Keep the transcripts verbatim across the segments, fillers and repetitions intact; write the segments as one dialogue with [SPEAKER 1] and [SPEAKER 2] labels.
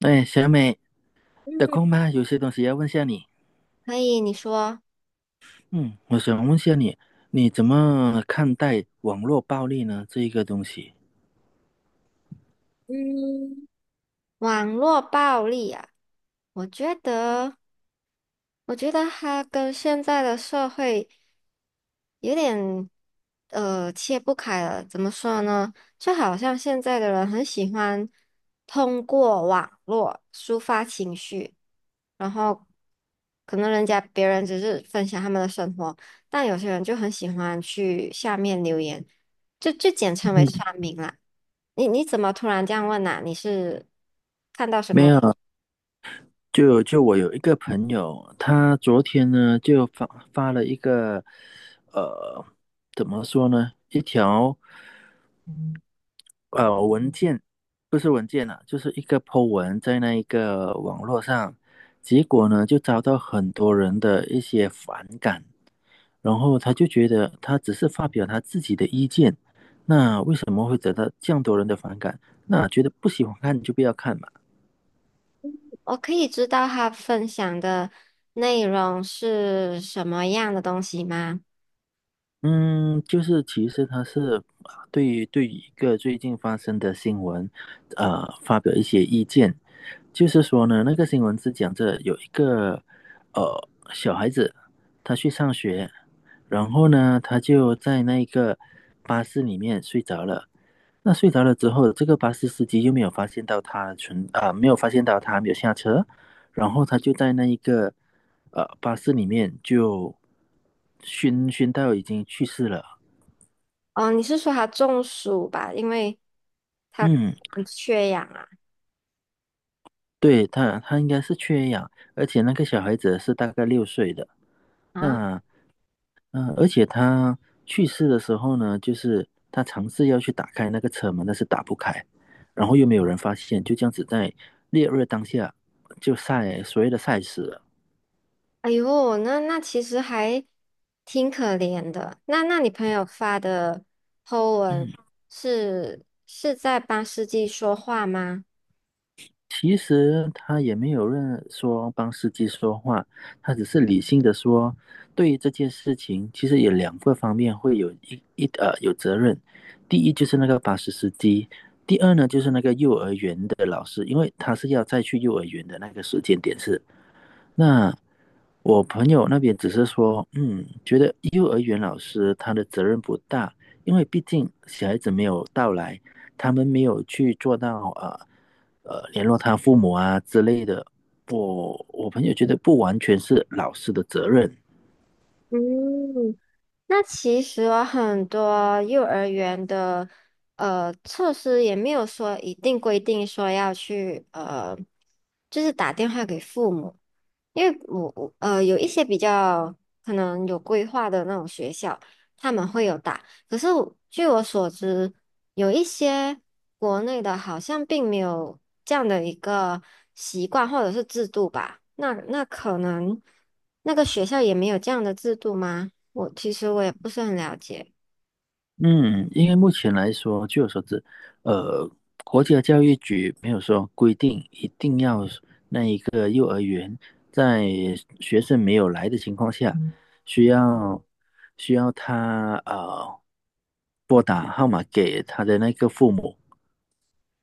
[SPEAKER 1] 哎，小美，得
[SPEAKER 2] 嗯，
[SPEAKER 1] 空吗？有些东西要问下你。
[SPEAKER 2] 可以，你说。
[SPEAKER 1] 嗯，我想问下你，你怎么看待网络暴力呢？这一个东西，
[SPEAKER 2] 嗯，网络暴力啊，我觉得，我觉得它跟现在的社会有点呃切不开了。怎么说呢？就好像现在的人很喜欢通过网络抒发情绪，然后可能人家别人只是分享他们的生活，但有些人就很喜欢去下面留言，就就简称为
[SPEAKER 1] 嗯，
[SPEAKER 2] 酸民啦。你你怎么突然这样问呐、你是看到什
[SPEAKER 1] 没
[SPEAKER 2] 么？
[SPEAKER 1] 有，就就我有一个朋友，他昨天呢就发发了一个，呃，怎么说呢？一条嗯呃文件，不是文件啊，就是一个 po 文在那一个网络上，结果呢就遭到很多人的一些反感，然后他就觉得他只是发表他自己的意见，那为什么会得到这样多人的反感？那觉得不喜欢看就不要看嘛。
[SPEAKER 2] 我可以知道他分享的内容是什么样的东西吗？
[SPEAKER 1] 嗯，就是其实他是啊对于对于一个最近发生的新闻，呃，发表一些意见。就是说呢，那个新闻是讲着有一个呃小孩子，他去上学，然后呢，他就在那个巴士里面睡着了。那睡着了之后，这个巴士司机又没有发现到他存啊、没有发现到他没有下车，然后他就在那一个呃巴士里面就熏熏到已经去世了。
[SPEAKER 2] 哦，你是说他中暑吧？因为他
[SPEAKER 1] 嗯，
[SPEAKER 2] 缺氧啊。
[SPEAKER 1] 对他，他应该是缺氧，而且那个小孩子是大概六岁的。
[SPEAKER 2] 啊！
[SPEAKER 1] 那嗯、呃而且他去世的时候呢，就是他尝试要去打开那个车门，但是打不开，然后又没有人发现，就这样子在烈日当下就晒所谓的晒死了。
[SPEAKER 2] 哎呦，那那其实还挺可怜的。那那你朋友发的 po
[SPEAKER 1] 嗯，
[SPEAKER 2] 文是是在帮司机说话吗？
[SPEAKER 1] 其实他也没有任说帮司机说话，他只是理性的说，对于这件事情，其实有两个方面会有一一呃有责任。第一就是那个巴士司机，第二呢就是那个幼儿园的老师，因为他是要再去幼儿园的那个时间点是那我朋友那边只是说，嗯，觉得幼儿园老师他的责任不大，因为毕竟小孩子没有到来，他们没有去做到呃呃联络他父母啊之类的。我我朋友觉得不完全是老师的责任，
[SPEAKER 2] 嗯，那其实啊很多幼儿园的呃措施也没有说一定规定说要去，呃，就是打电话给父母。因为我我呃有一些比较可能有规划的那种学校，他们会有打。可是我据我所知，有一些国内的好像并没有这样的一个习惯或者是制度吧。那那可能那个学校也没有这样的制度吗？我其实我也不是很了解。
[SPEAKER 1] 嗯，因为目前来说，据我所知，呃，国家教育局没有说规定一定要。在学生没有来的情况下，嗯需要需要他呃拨打号码给他的那个父母。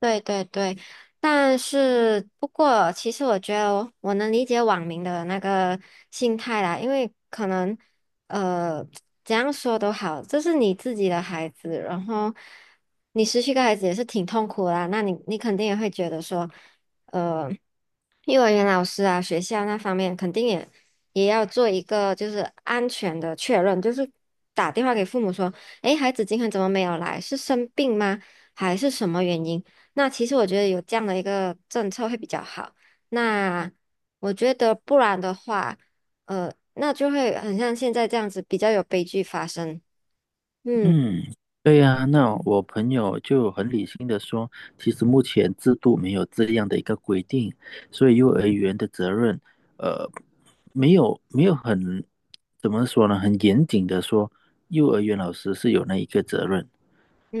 [SPEAKER 2] 对对对，但是不过，其实我觉得我我能理解网民的那个心态啦，因为可能，呃怎样说都好，这是你自己的孩子，然后你失去一个孩子也是挺痛苦的啦，那你你肯定也会觉得说，呃。幼儿园老师啊，学校那方面肯定也也要做一个就是安全的确认，就是打电话给父母说，诶，孩子今天怎么没有来？是生病吗？还是什么原因？那其实我觉得有这样的一个政策会比较好。那我觉得不然的话，呃，那就会很像现在这样子，比较有悲剧发生。嗯。
[SPEAKER 1] 嗯，对呀，那我朋友就很理性的说，其实目前制度没有这样的一个规定，所以幼儿园的责任，呃，没有没有很，怎么说呢，很严谨的说，幼儿园老师是有那一个责任。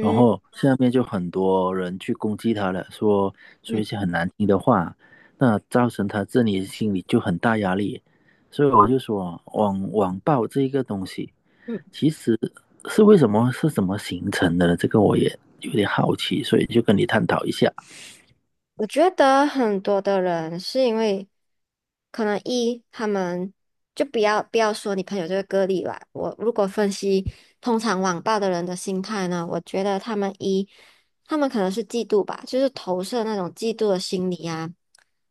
[SPEAKER 1] 然后下面就很多人去攻击他了，说说一
[SPEAKER 2] 嗯
[SPEAKER 1] 些很难听的话，那造成他自己心里就很大压力。所以我就说，网网暴这一个东西，
[SPEAKER 2] 嗯。
[SPEAKER 1] 其实是为什么是怎么形成的呢？这个我也有点好奇，所以就跟你探讨一下。
[SPEAKER 2] 我觉得很多的人是因为，可能一他们就不要不要说你朋友这个个例吧。我如果分析通常网暴的人的心态呢，我觉得他们一他们可能是嫉妒吧，就是投射那种嫉妒的心理啊，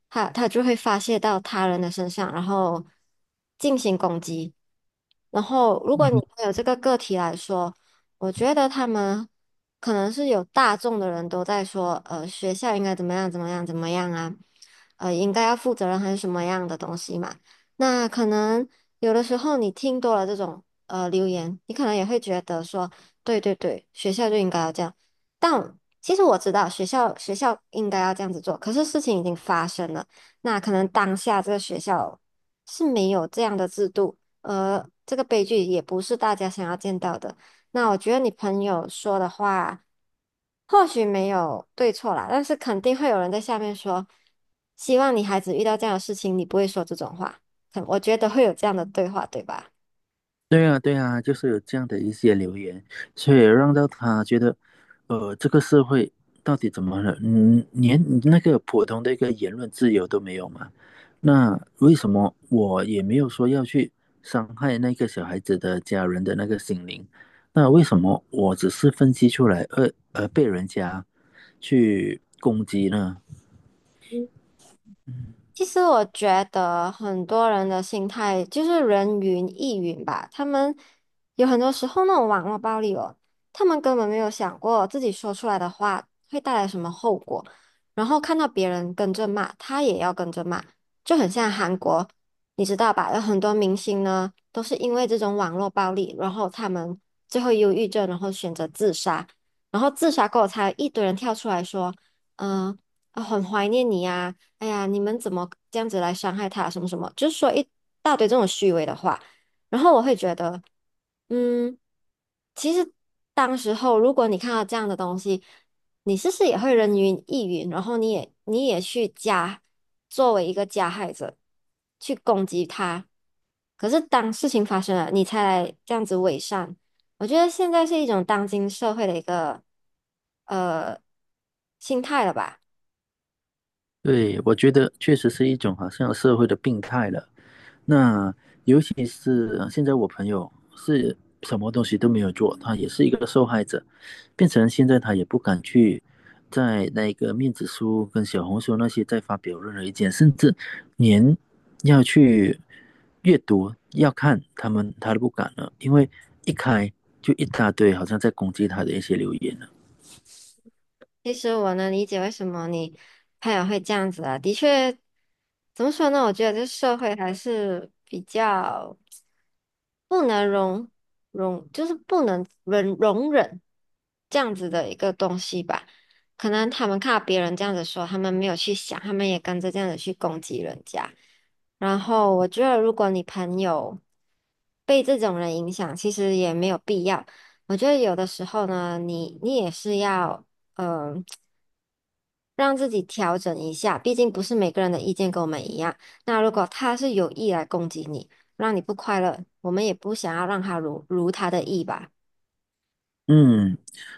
[SPEAKER 2] 他他就会发泄到他人的身上，然后进行攻击。然后，如果你有这个个体来说，我觉得他们可能是有大众的人都在说，呃，学校应该怎么样怎么样怎么样啊，呃，应该要负责任还是什么样的东西嘛？那可能有的时候你听多了这种呃留言，你可能也会觉得说，对对对，学校就应该要这样。但其实我知道学校学校应该要这样子做，可是事情已经发生了，那可能当下这个学校是没有这样的制度。而这个悲剧也不是大家想要见到的。那我觉得你朋友说的话，或许没有对错啦，但是肯定会有人在下面说，希望你孩子遇到这样的事情，你不会说这种话。可我觉得会有这样的对话，对吧？
[SPEAKER 1] 对啊，对啊，就是有这样的一些留言，所以让到他觉得，呃，这个社会到底怎么了？嗯，连那个普通的一个言论自由都没有嘛？那为什么我也没有说要去伤害那个小孩子的家人的那个心灵？那为什么我只是分析出来，而而被人家去攻击呢？
[SPEAKER 2] 其实我觉得很多人的心态就是人云亦云吧，他们有很多时候那种网络暴力哦，他们根本没有想过自己说出来的话会带来什么后果，然后看到别人跟着骂，他也要跟着骂，就很像韩国，你知道吧？有很多明星呢都是因为这种网络暴力，然后他们最后忧郁症，然后选择自杀，然后自杀过后才有一堆人跳出来说，嗯、啊很怀念你啊。哎呀，你们怎么这样子来伤害他？什么什么，就是说一大堆这种虚伪的话。然后我会觉得，嗯，其实当时候如果你看到这样的东西，你是不是也会人云亦云？然后你也你也去加，作为一个加害者去攻击他。可是当事情发生了，你才来这样子伪善。我觉得现在是一种当今社会的一个呃心态了吧。
[SPEAKER 1] 对，我觉得确实是一种好像社会的病态了。那尤其是呃现在我朋友是什么东西都没有做，他也是一个受害者，变成现在他也不敢去在那个面子书跟小红书那些再发表任何意见，甚至连要去阅读、要看他们他都不敢了，因为一开就一大堆好像在攻击他的一些留言了。
[SPEAKER 2] 其实我能理解为什么你朋友会这样子啊，的确，怎么说呢？我觉得这社会还是比较不能容容，就是不能忍容忍这样子的一个东西吧。可能他们看到别人这样子说，他们没有去想，他们也跟着这样子去攻击人家。然后我觉得，如果你朋友被这种人影响，其实也没有必要。我觉得有的时候呢，你你也是要。嗯、呃让自己调整一下，毕竟不是每个人的意见跟我们一样。那如果他是有意来攻击你，让你不快乐，我们也不想要让他如如他的意吧。
[SPEAKER 1] 嗯，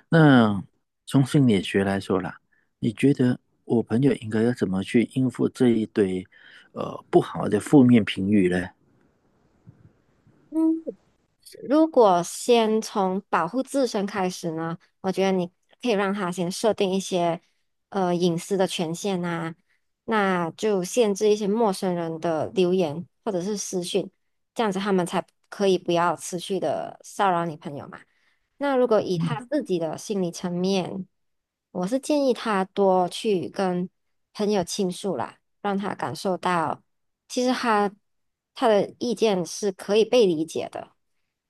[SPEAKER 1] 那从心理学来说啦，你觉得我朋友应该要怎么去应付这一堆呃不好的负面评语呢？
[SPEAKER 2] 嗯，如果先从保护自身开始呢，我觉得你可以让他先设定一些呃隐私的权限啊，那就限制一些陌生人的留言或者是私讯，这样子他们才可以不要持续的骚扰你朋友嘛。那如果以他自己的心理层面，我是建议他多去跟朋友倾诉啦，让他感受到其实他他的意见是可以被理解的，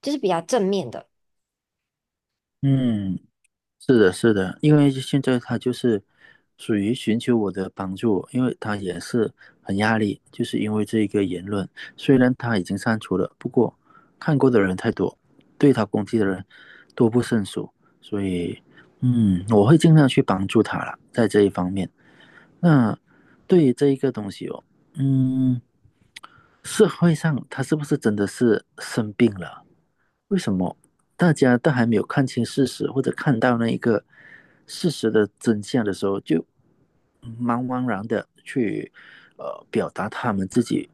[SPEAKER 2] 就是比较正面的。
[SPEAKER 1] 嗯，是的，是的，因为现在他就是属于寻求我的帮助，因为他也是很压力，就是因为这一个言论，虽然他已经删除了，不过看过的人太多，对他攻击的人多不胜数，所以嗯，我会尽量去帮助他了，在这一方面。那对于这一个东西哦，嗯，社会上他是不是真的是生病了？为什么大家都还没有看清事实，或者看到那一个事实的真相的时候，就茫茫然的去呃表达他们自己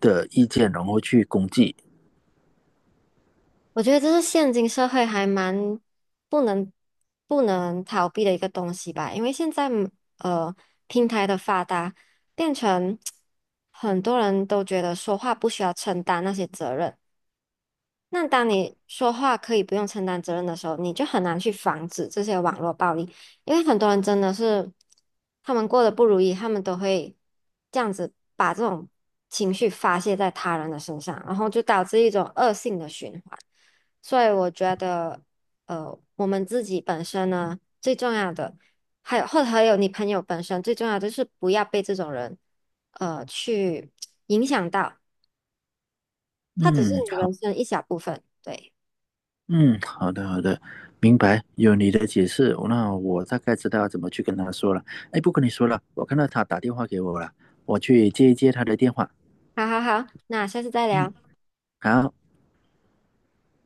[SPEAKER 1] 的意见，然后去攻击？
[SPEAKER 2] 我觉得这是现今社会还蛮不能不能逃避的一个东西吧，因为现在嗯呃平台的发达，变成 很多人都觉得说话不需要承担那些责任。那当你说话可以不用承担责任的时候，你就很难去防止这些网络暴力，因为很多人真的是，他们过得不如意，他们都会这样子把这种情绪发泄在他人的身上，然后就导致一种恶性的循环。所以我觉得，呃，我们自己本身呢，最重要的，还有或者还有你朋友本身最重要的就是不要被这种人，呃，去影响到，他只是
[SPEAKER 1] 嗯，
[SPEAKER 2] 你
[SPEAKER 1] 好。
[SPEAKER 2] 人生一小部分，对。
[SPEAKER 1] 嗯，好的好的，明白，有你的解释，那我大概知道怎么去跟他说了。哎，不跟你说了，我看到他打电话给我了，我去接一接他的电话。
[SPEAKER 2] 好好好，那下次再
[SPEAKER 1] 嗯，
[SPEAKER 2] 聊。
[SPEAKER 1] 好。